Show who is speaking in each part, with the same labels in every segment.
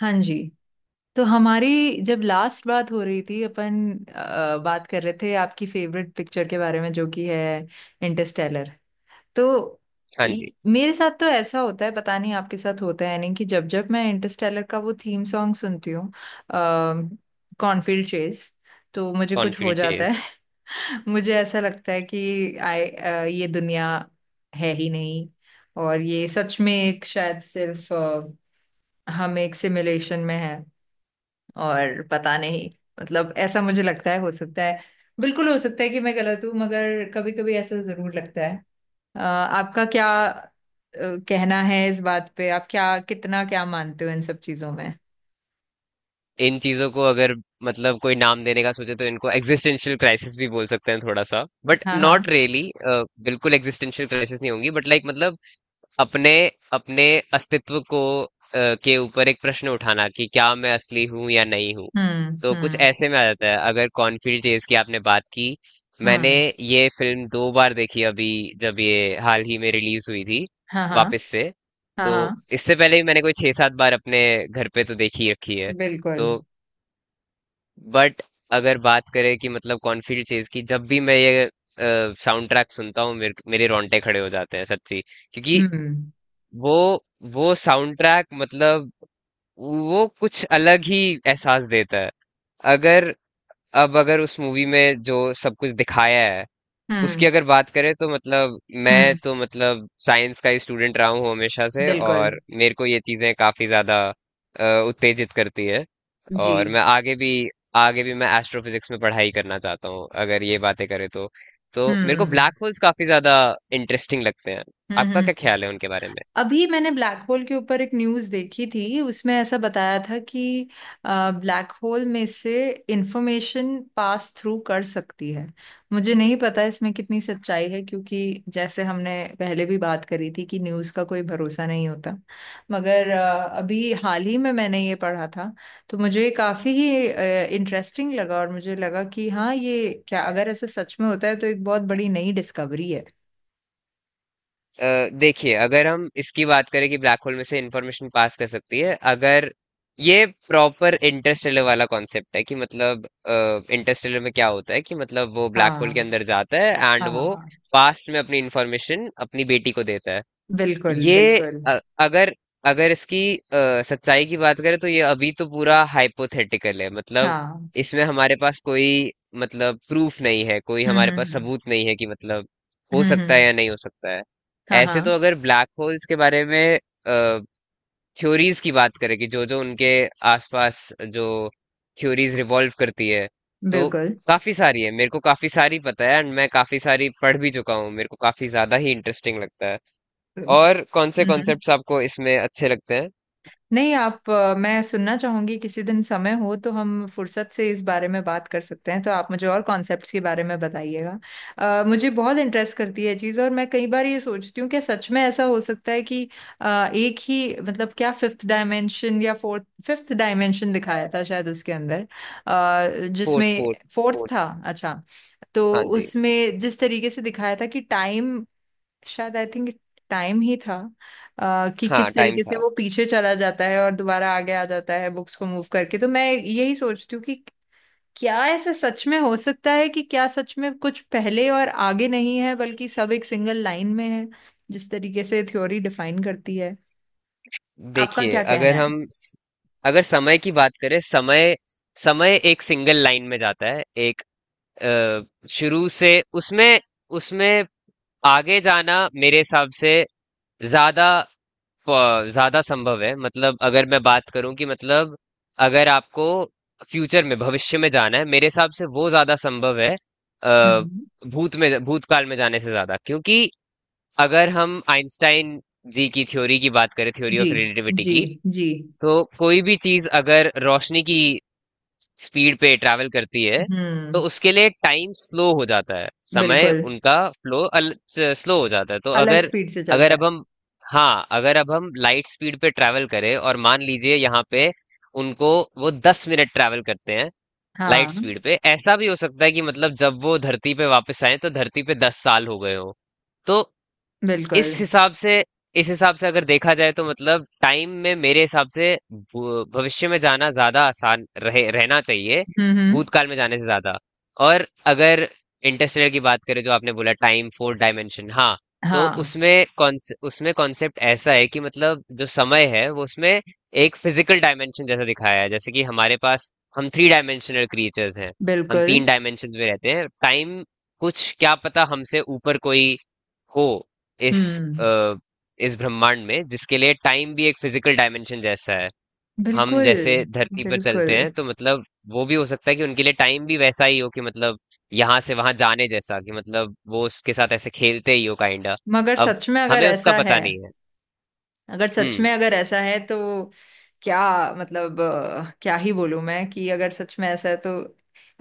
Speaker 1: हाँ जी। तो हमारी जब लास्ट बात हो रही थी अपन बात कर रहे थे आपकी फेवरेट पिक्चर के बारे में जो कि है इंटरस्टेलर। तो
Speaker 2: हाँ जी।
Speaker 1: मेरे साथ तो ऐसा होता है, पता नहीं आपके साथ होता है नहीं, कि जब जब मैं इंटरस्टेलर का वो थीम सॉन्ग सुनती हूँ कॉर्नफील्ड चेज, तो मुझे कुछ हो
Speaker 2: कॉन्फील्ड
Speaker 1: जाता
Speaker 2: चेस।
Speaker 1: है। मुझे ऐसा लगता है कि आई ये दुनिया है ही नहीं, और ये सच में एक शायद सिर्फ हम एक सिमुलेशन में है और पता नहीं। मतलब ऐसा मुझे लगता है, हो सकता है, बिल्कुल हो सकता है कि मैं गलत हूँ, मगर कभी कभी ऐसा जरूर लगता है। आपका क्या कहना है इस बात पे, आप क्या कितना क्या मानते हो इन सब चीजों में।
Speaker 2: इन चीजों को अगर मतलब कोई नाम देने का सोचे तो इनको एग्जिस्टेंशियल क्राइसिस भी बोल सकते हैं थोड़ा सा। बट
Speaker 1: हाँ
Speaker 2: नॉट
Speaker 1: हाँ।
Speaker 2: रियली। बिल्कुल एग्जिस्टेंशियल क्राइसिस नहीं होंगी बट लाइक मतलब अपने अपने अस्तित्व को के ऊपर एक प्रश्न उठाना कि क्या मैं असली हूं या नहीं हूं।
Speaker 1: हम्म
Speaker 2: तो कुछ
Speaker 1: हम्म
Speaker 2: ऐसे में आ जाता है अगर कॉर्नफील्ड चेज की आपने बात की। मैंने
Speaker 1: हम्म।
Speaker 2: ये फिल्म 2 बार देखी अभी जब ये हाल ही में रिलीज हुई थी
Speaker 1: हाँ हाँ।
Speaker 2: वापस से।
Speaker 1: हाँ
Speaker 2: तो
Speaker 1: हाँ।
Speaker 2: इससे पहले भी मैंने कोई छह सात बार अपने घर पे तो देखी रखी है।
Speaker 1: बिल्कुल।
Speaker 2: तो बट अगर बात करें कि मतलब कॉर्नफील्ड चेज की जब भी मैं ये साउंड ट्रैक सुनता हूँ मेरे मेरे रोंगटे खड़े हो जाते हैं सच्ची। क्योंकि
Speaker 1: हम्म
Speaker 2: वो वो साउंड ट्रैक मतलब वो कुछ अलग ही एहसास देता है। अगर अब अगर उस मूवी में जो सब कुछ दिखाया है उसकी
Speaker 1: हम्म
Speaker 2: अगर बात करें तो मतलब मैं
Speaker 1: हम्म।
Speaker 2: तो मतलब साइंस का ही स्टूडेंट रहा हूँ हमेशा से
Speaker 1: बिल्कुल।
Speaker 2: और मेरे को ये चीजें काफी ज्यादा उत्तेजित करती है।
Speaker 1: जी।
Speaker 2: और मैं आगे भी मैं एस्ट्रोफिजिक्स में पढ़ाई करना चाहता हूँ अगर ये बातें करें तो। तो मेरे को
Speaker 1: हम्म
Speaker 2: ब्लैक होल्स काफी ज्यादा इंटरेस्टिंग लगते हैं। आपका क्या
Speaker 1: हम्म।
Speaker 2: ख्याल है उनके बारे में?
Speaker 1: अभी मैंने ब्लैक होल के ऊपर एक न्यूज़ देखी थी। उसमें ऐसा बताया था कि ब्लैक होल में से इंफॉर्मेशन पास थ्रू कर सकती है। मुझे नहीं पता इसमें कितनी सच्चाई है, क्योंकि जैसे हमने पहले भी बात करी थी कि न्यूज़ का कोई भरोसा नहीं होता। मगर अभी हाल ही में मैंने ये पढ़ा था, तो मुझे ये काफ़ी ही इंटरेस्टिंग लगा और मुझे लगा कि हाँ, ये क्या, अगर ऐसा सच में होता है तो एक बहुत बड़ी नई डिस्कवरी है।
Speaker 2: देखिए अगर हम इसकी बात करें कि ब्लैक होल में से इंफॉर्मेशन पास कर सकती है अगर ये प्रॉपर इंटरस्टेलर वाला कॉन्सेप्ट है कि मतलब इंटरस्टेलर में क्या होता है कि मतलब वो ब्लैक होल के
Speaker 1: हाँ
Speaker 2: अंदर जाता है एंड वो
Speaker 1: हाँ।
Speaker 2: पास्ट में अपनी इंफॉर्मेशन अपनी बेटी को देता है।
Speaker 1: बिल्कुल
Speaker 2: ये
Speaker 1: बिल्कुल।
Speaker 2: अगर अगर इसकी सच्चाई की बात करें तो ये अभी तो पूरा हाइपोथेटिकल है मतलब
Speaker 1: हाँ।
Speaker 2: इसमें हमारे पास कोई मतलब प्रूफ नहीं है कोई हमारे पास
Speaker 1: हम्म।
Speaker 2: सबूत नहीं है कि मतलब हो
Speaker 1: हम्म
Speaker 2: सकता है
Speaker 1: हम्म,
Speaker 2: या नहीं हो सकता है।
Speaker 1: हाँ हाँ।
Speaker 2: ऐसे तो अगर ब्लैक होल्स के बारे में थ्योरीज की बात करें कि जो जो उनके आसपास जो थ्योरीज रिवॉल्व करती है तो
Speaker 1: बिल्कुल।
Speaker 2: काफी सारी है मेरे को काफी सारी पता है एंड मैं काफी सारी पढ़ भी चुका हूँ मेरे को काफी ज्यादा ही इंटरेस्टिंग लगता है।
Speaker 1: हम्म
Speaker 2: और कौन से
Speaker 1: हम्म,
Speaker 2: कॉन्सेप्ट्स आपको इसमें अच्छे लगते हैं?
Speaker 1: नहीं, आप मैं सुनना चाहूंगी, किसी दिन समय हो तो हम फुर्सत से इस बारे में बात कर सकते हैं, तो आप मुझे और कॉन्सेप्ट्स के बारे में बताइएगा। मुझे बहुत इंटरेस्ट करती है चीज़, और मैं कई बार ये सोचती हूँ कि सच में ऐसा हो सकता है कि एक ही मतलब क्या फिफ्थ डायमेंशन या फोर्थ फिफ्थ डायमेंशन दिखाया था शायद उसके अंदर,
Speaker 2: फोर्थ
Speaker 1: जिसमें
Speaker 2: फोर्थ
Speaker 1: फोर्थ
Speaker 2: फोर्थ
Speaker 1: था। अच्छा। तो
Speaker 2: हाँ जी।
Speaker 1: उसमें जिस तरीके से दिखाया था कि टाइम, शायद आई थिंक टाइम ही था, कि
Speaker 2: हाँ
Speaker 1: किस
Speaker 2: टाइम
Speaker 1: तरीके से
Speaker 2: था।
Speaker 1: वो पीछे चला जाता है और दोबारा आगे आ जाता है बुक्स को मूव करके, तो मैं यही सोचती हूँ कि क्या ऐसा सच में हो सकता है कि क्या सच में कुछ पहले और आगे नहीं है बल्कि सब एक सिंगल लाइन में है, जिस तरीके से थ्योरी डिफाइन करती है। आपका
Speaker 2: देखिए
Speaker 1: क्या कहना
Speaker 2: अगर
Speaker 1: है।
Speaker 2: हम स- अगर समय की बात करें। समय समय एक सिंगल लाइन में जाता है एक अ, शुरू से। उसमें उसमें आगे जाना मेरे हिसाब से ज्यादा ज्यादा संभव है मतलब अगर मैं बात करूं कि मतलब अगर आपको फ्यूचर में भविष्य में जाना है मेरे हिसाब से वो ज्यादा संभव है। अ,
Speaker 1: हम्म।
Speaker 2: भूत में भूतकाल में जाने से ज्यादा क्योंकि अगर हम आइंस्टाइन जी की थ्योरी की बात करें थ्योरी
Speaker 1: जी
Speaker 2: ऑफ रिलेटिविटी
Speaker 1: जी
Speaker 2: की
Speaker 1: जी।
Speaker 2: तो कोई भी चीज अगर रोशनी की स्पीड पे ट्रैवल करती है तो
Speaker 1: हम्म।
Speaker 2: उसके लिए टाइम स्लो हो जाता है समय
Speaker 1: बिल्कुल।
Speaker 2: उनका फ्लो स्लो हो जाता है। तो
Speaker 1: अलग
Speaker 2: अगर
Speaker 1: स्पीड से
Speaker 2: अगर
Speaker 1: चलता है।
Speaker 2: अब हम हाँ अगर अब हम लाइट स्पीड पे ट्रैवल करें और मान लीजिए यहाँ पे उनको वो 10 मिनट ट्रैवल करते हैं लाइट
Speaker 1: हाँ।
Speaker 2: स्पीड पे ऐसा भी हो सकता है कि मतलब जब वो धरती पे वापस आए तो धरती पे 10 साल हो गए हो। तो
Speaker 1: बिल्कुल।
Speaker 2: इस हिसाब से इस हिसाब से अगर देखा जाए तो मतलब टाइम में मेरे हिसाब से भविष्य में जाना ज्यादा आसान रहे रहना चाहिए
Speaker 1: हम्म।
Speaker 2: भूतकाल में जाने से ज्यादा। और अगर इंटरस्टेलर की बात करें जो आपने बोला टाइम फोर डायमेंशन हाँ। तो
Speaker 1: हाँ।
Speaker 2: उसमें कॉन्स उसमें कॉन्सेप्ट ऐसा है कि मतलब जो समय है वो उसमें एक फिजिकल डायमेंशन जैसा दिखाया है जैसे कि हमारे पास हम थ्री डायमेंशनल क्रिएचर्स हैं। हम
Speaker 1: बिल्कुल।
Speaker 2: 3 डायमेंशन में रहते हैं टाइम कुछ क्या पता हमसे ऊपर कोई हो इस
Speaker 1: हम्म।
Speaker 2: इस ब्रह्मांड में जिसके लिए टाइम भी एक फिजिकल डायमेंशन जैसा है। हम
Speaker 1: बिल्कुल
Speaker 2: जैसे धरती पर
Speaker 1: बिल्कुल।
Speaker 2: चलते हैं तो मतलब वो भी हो सकता है कि उनके लिए टाइम भी वैसा ही हो कि मतलब यहाँ से वहां जाने जैसा कि मतलब वो उसके साथ ऐसे खेलते ही हो काइंडा।
Speaker 1: मगर
Speaker 2: अब
Speaker 1: सच में अगर
Speaker 2: हमें उसका
Speaker 1: ऐसा है,
Speaker 2: पता नहीं है।
Speaker 1: अगर सच
Speaker 2: हम्म।
Speaker 1: में अगर ऐसा है तो क्या, मतलब क्या ही बोलूं मैं कि अगर सच में ऐसा है तो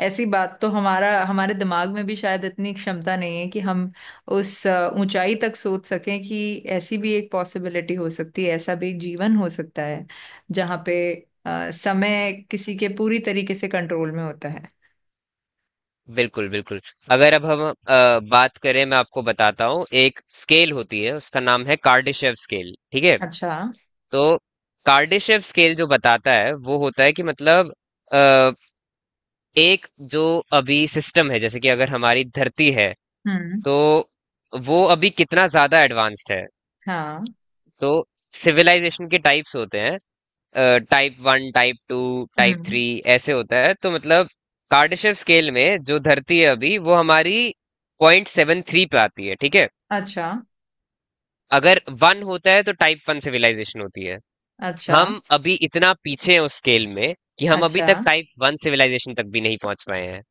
Speaker 1: ऐसी बात तो हमारा, हमारे दिमाग में भी शायद इतनी क्षमता नहीं है कि हम उस ऊंचाई तक सोच सकें कि ऐसी भी एक पॉसिबिलिटी हो सकती है, ऐसा भी एक जीवन हो सकता है जहाँ पे समय किसी के पूरी तरीके से कंट्रोल में होता है।
Speaker 2: बिल्कुल बिल्कुल। अगर अब हम बात करें मैं आपको बताता हूँ एक स्केल होती है उसका नाम है कार्डिशेव स्केल ठीक है।
Speaker 1: अच्छा।
Speaker 2: तो कार्डिशेव स्केल जो बताता है वो होता है कि मतलब एक जो अभी सिस्टम है जैसे कि अगर हमारी धरती है
Speaker 1: हम्म।
Speaker 2: तो वो अभी कितना ज्यादा एडवांस्ड है।
Speaker 1: हाँ।
Speaker 2: तो सिविलाइजेशन के टाइप्स होते हैं type one type two type
Speaker 1: हम्म।
Speaker 2: थ्री ऐसे होता है। तो मतलब कार्डाशेव स्केल में जो धरती है अभी वो हमारी 0.73 पे आती है ठीक है।
Speaker 1: अच्छा।
Speaker 2: अगर 1 होता है तो टाइप 1 सिविलाइजेशन होती है।
Speaker 1: अच्छा।
Speaker 2: हम अभी इतना पीछे हैं उस स्केल में कि हम अभी
Speaker 1: अच्छा।
Speaker 2: तक टाइप 1 सिविलाइजेशन तक भी नहीं पहुंच पाए हैं।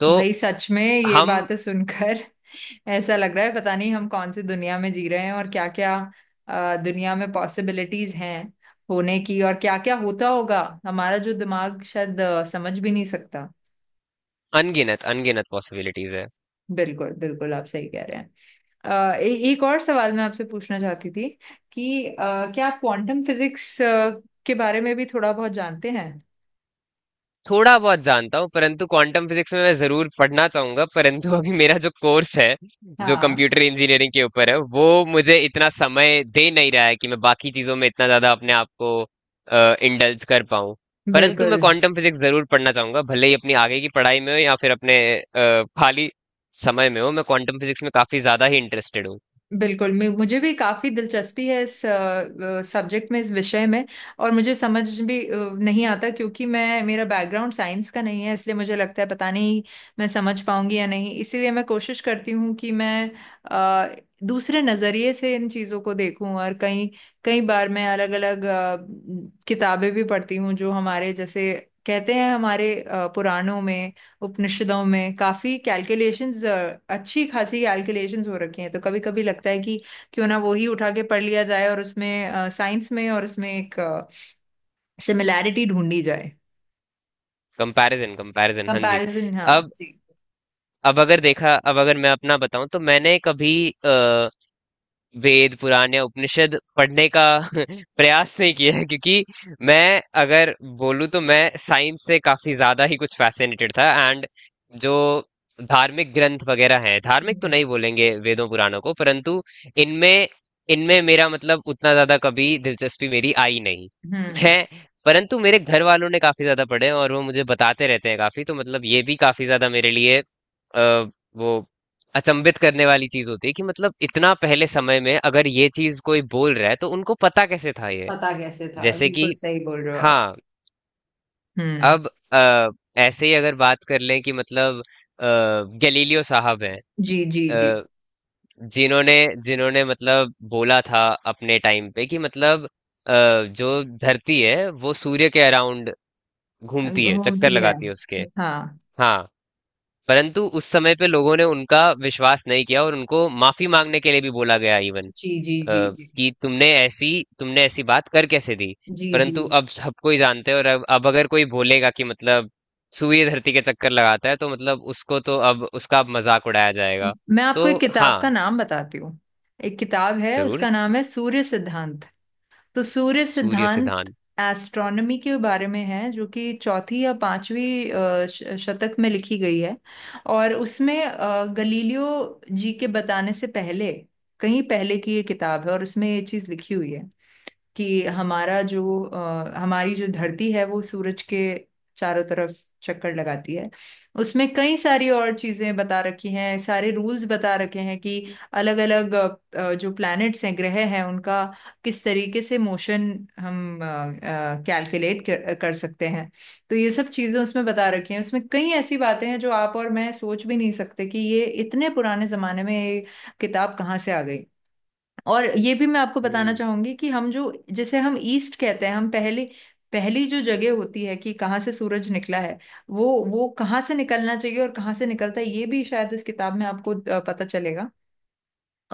Speaker 2: तो
Speaker 1: भाई सच में ये
Speaker 2: हम
Speaker 1: बातें सुनकर ऐसा लग रहा है पता नहीं हम कौन सी दुनिया में जी रहे हैं, और क्या क्या दुनिया में पॉसिबिलिटीज हैं होने की, और क्या क्या होता होगा हमारा जो दिमाग शायद समझ भी नहीं सकता।
Speaker 2: अनगिनत अनगिनत पॉसिबिलिटीज है।
Speaker 1: बिल्कुल बिल्कुल, आप सही कह रहे हैं। एक और सवाल मैं आपसे पूछना चाहती थी कि क्या आप क्वांटम फिजिक्स के बारे में भी थोड़ा बहुत जानते हैं।
Speaker 2: थोड़ा बहुत जानता हूँ परंतु क्वांटम फिजिक्स में मैं जरूर पढ़ना चाहूंगा परंतु अभी मेरा जो कोर्स है जो
Speaker 1: हाँ।
Speaker 2: कंप्यूटर इंजीनियरिंग के ऊपर है वो मुझे इतना समय दे नहीं रहा है कि मैं बाकी चीजों में इतना ज्यादा अपने आप को इंडल्ज कर पाऊँ। परंतु
Speaker 1: बिल्कुल।
Speaker 2: मैं क्वांटम फिजिक्स जरूर पढ़ना चाहूंगा भले ही अपनी आगे की पढ़ाई में हो या फिर अपने खाली समय में हो मैं क्वांटम फिजिक्स में काफी ज्यादा ही इंटरेस्टेड हूँ।
Speaker 1: बिल्कुल मैं मुझे भी काफी दिलचस्पी है इस सब्जेक्ट में, इस विषय में। और मुझे समझ भी नहीं आता क्योंकि मैं मेरा बैकग्राउंड साइंस का नहीं है, इसलिए मुझे लगता है पता नहीं मैं समझ पाऊंगी या नहीं। इसीलिए मैं कोशिश करती हूँ कि मैं अ, दूसरे नजरिए से इन चीजों को देखूं, और कई कई बार मैं अलग अलग किताबें भी पढ़ती हूँ। जो हमारे जैसे कहते हैं, हमारे पुराणों में, उपनिषदों में काफी कैलकुलेशंस, अच्छी खासी कैलकुलेशंस हो रखी हैं। तो कभी कभी लगता है कि क्यों ना वो ही उठा के पढ़ लिया जाए और उसमें, साइंस में और उसमें एक सिमिलैरिटी ढूंढी जाए।
Speaker 2: कंपैरिजन कंपैरिजन हाँ जी।
Speaker 1: कंपैरिजन, हाँ
Speaker 2: अब
Speaker 1: जी।
Speaker 2: अब अगर मैं अपना बताऊं तो मैंने कभी अ, वेद पुराण या उपनिषद पढ़ने का प्रयास नहीं किया है क्योंकि मैं अगर बोलूँ तो मैं साइंस से काफी ज्यादा ही कुछ फैसिनेटेड था एंड जो धार्मिक ग्रंथ वगैरह हैं धार्मिक तो
Speaker 1: हम्म।
Speaker 2: नहीं बोलेंगे वेदों पुराणों को परंतु इनमें इनमें मेरा मतलब उतना ज्यादा कभी दिलचस्पी मेरी आई नहीं
Speaker 1: हम्म,
Speaker 2: है। परंतु मेरे घर वालों ने काफी ज्यादा पढ़े हैं और वो मुझे बताते रहते हैं काफी तो मतलब ये भी काफी ज्यादा मेरे लिए अ, वो अचंभित करने वाली चीज होती है कि मतलब इतना पहले समय में अगर ये चीज कोई बोल रहा है तो उनको पता कैसे था ये।
Speaker 1: पता कैसे था,
Speaker 2: जैसे
Speaker 1: बिल्कुल
Speaker 2: कि
Speaker 1: सही बोल रहे हो आप।
Speaker 2: हाँ।
Speaker 1: हम्म।
Speaker 2: अब अ, ऐसे ही अगर बात कर लें कि मतलब गैलीलियो साहब हैं
Speaker 1: जी जी जी।
Speaker 2: अ, जिन्होंने जिन्होंने मतलब बोला था अपने टाइम पे कि मतलब जो धरती है वो सूर्य के अराउंड घूमती है चक्कर
Speaker 1: होती है,
Speaker 2: लगाती है उसके।
Speaker 1: हाँ।
Speaker 2: हाँ परंतु उस समय पे लोगों ने उनका विश्वास नहीं किया और उनको माफी मांगने के लिए भी बोला गया इवन
Speaker 1: जी जी
Speaker 2: अ,
Speaker 1: जी जी।
Speaker 2: कि तुमने ऐसी बात कर कैसे दी।
Speaker 1: जी जी
Speaker 2: परंतु
Speaker 1: जी
Speaker 2: अब सबको ही जानते हैं और अब अगर कोई बोलेगा कि मतलब सूर्य धरती के चक्कर लगाता है तो मतलब उसको तो अब उसका अब मजाक उड़ाया जाएगा।
Speaker 1: मैं
Speaker 2: तो
Speaker 1: आपको एक
Speaker 2: हाँ
Speaker 1: किताब का नाम बताती हूँ। एक किताब है,
Speaker 2: जरूर।
Speaker 1: उसका नाम है सूर्य सिद्धांत। तो सूर्य
Speaker 2: सूर्य
Speaker 1: सिद्धांत
Speaker 2: सिद्धांत।
Speaker 1: एस्ट्रोनॉमी के बारे में है, जो कि चौथी या पांचवी शतक में लिखी गई है। और उसमें गलीलियो जी के बताने से पहले, कहीं पहले की ये किताब है, और उसमें ये चीज लिखी हुई है कि हमारी जो धरती है वो सूरज के चारों तरफ चक्कर लगाती है। उसमें कई सारी और चीजें बता रखी हैं, सारे रूल्स बता रखे हैं कि अलग अलग जो प्लैनेट्स हैं, ग्रह हैं, उनका किस तरीके से मोशन हम कर सकते हैं। तो ये सब चीजें उसमें बता रखी हैं। उसमें कई ऐसी बातें हैं जो आप और मैं सोच भी नहीं सकते कि ये इतने पुराने जमाने में ये किताब कहाँ से आ गई। और ये भी मैं आपको बताना
Speaker 2: हम्म
Speaker 1: चाहूंगी कि हम जो जैसे हम ईस्ट कहते हैं, हम पहले पहली जो जगह होती है कि कहाँ से सूरज निकला है, वो वो कहाँ से निकलना चाहिए और कहाँ से निकलता है, ये भी शायद इस किताब में आपको पता चलेगा।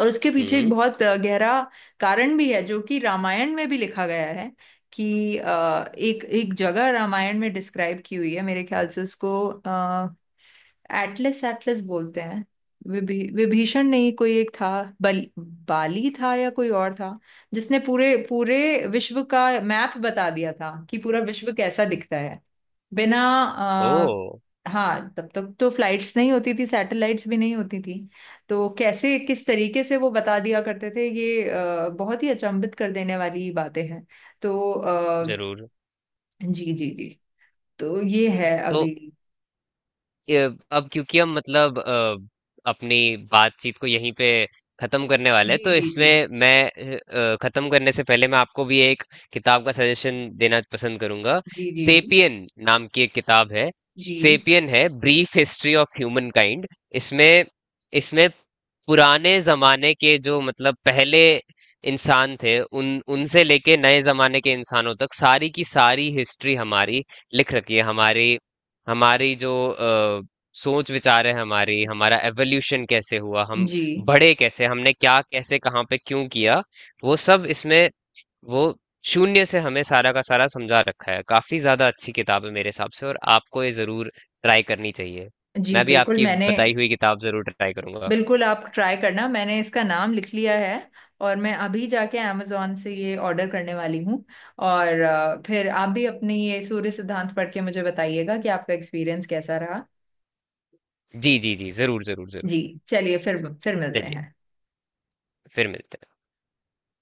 Speaker 1: और उसके पीछे एक
Speaker 2: हम्म।
Speaker 1: बहुत गहरा कारण भी है जो कि रामायण में भी लिखा गया है। कि एक एक जगह रामायण में डिस्क्राइब की हुई है, मेरे ख्याल से उसको एटलस एटलस बोलते हैं। विभीषण नहीं, कोई एक था, बल बाली था या कोई और था, जिसने पूरे पूरे विश्व का मैप बता दिया था कि पूरा विश्व कैसा दिखता है बिना
Speaker 2: ओ
Speaker 1: हाँ, तब तक तो फ्लाइट्स नहीं होती थी, सैटेलाइट्स भी नहीं होती थी। तो कैसे, किस तरीके से वो बता दिया करते थे, ये बहुत ही अचंभित कर देने वाली बातें हैं। तो
Speaker 2: जरूर।
Speaker 1: जी जी जी। तो ये है
Speaker 2: तो
Speaker 1: अभी।
Speaker 2: अब क्योंकि हम मतलब अपनी बातचीत को यहीं पे खत्म करने वाले हैं
Speaker 1: जी
Speaker 2: तो
Speaker 1: जी जी
Speaker 2: इसमें मैं खत्म करने से पहले मैं आपको भी एक किताब का सजेशन देना पसंद करूंगा।
Speaker 1: जी। जी जी
Speaker 2: सेपियन नाम की एक किताब है।
Speaker 1: जी
Speaker 2: सेपियन है brief history of humankind. इसमें इसमें पुराने जमाने के जो मतलब पहले इंसान थे उन उनसे लेके नए जमाने के इंसानों तक सारी की सारी हिस्ट्री हमारी लिख रखी है। हमारी हमारी जो सोच विचार है हमारी हमारा एवोल्यूशन कैसे हुआ हम
Speaker 1: जी
Speaker 2: बढ़े कैसे हमने क्या कैसे कहाँ पे क्यों किया वो सब इसमें वो शून्य से हमें सारा का सारा समझा रखा है काफी ज्यादा अच्छी किताब है मेरे हिसाब से और आपको ये जरूर ट्राई करनी चाहिए।
Speaker 1: जी।
Speaker 2: मैं भी
Speaker 1: बिल्कुल
Speaker 2: आपकी
Speaker 1: मैंने,
Speaker 2: बताई हुई किताब जरूर ट्राई करूंगा।
Speaker 1: बिल्कुल आप ट्राई करना, मैंने इसका नाम लिख लिया है। और मैं अभी जाके amazon से ये ऑर्डर करने वाली हूँ। और फिर आप भी अपनी ये सूर्य सिद्धांत पढ़ के मुझे बताइएगा कि आपका एक्सपीरियंस कैसा रहा।
Speaker 2: जी जी जी जरूर जरूर जरूर।
Speaker 1: जी। चलिए, फिर मिलते
Speaker 2: चलिए
Speaker 1: हैं।
Speaker 2: फिर मिलते हैं।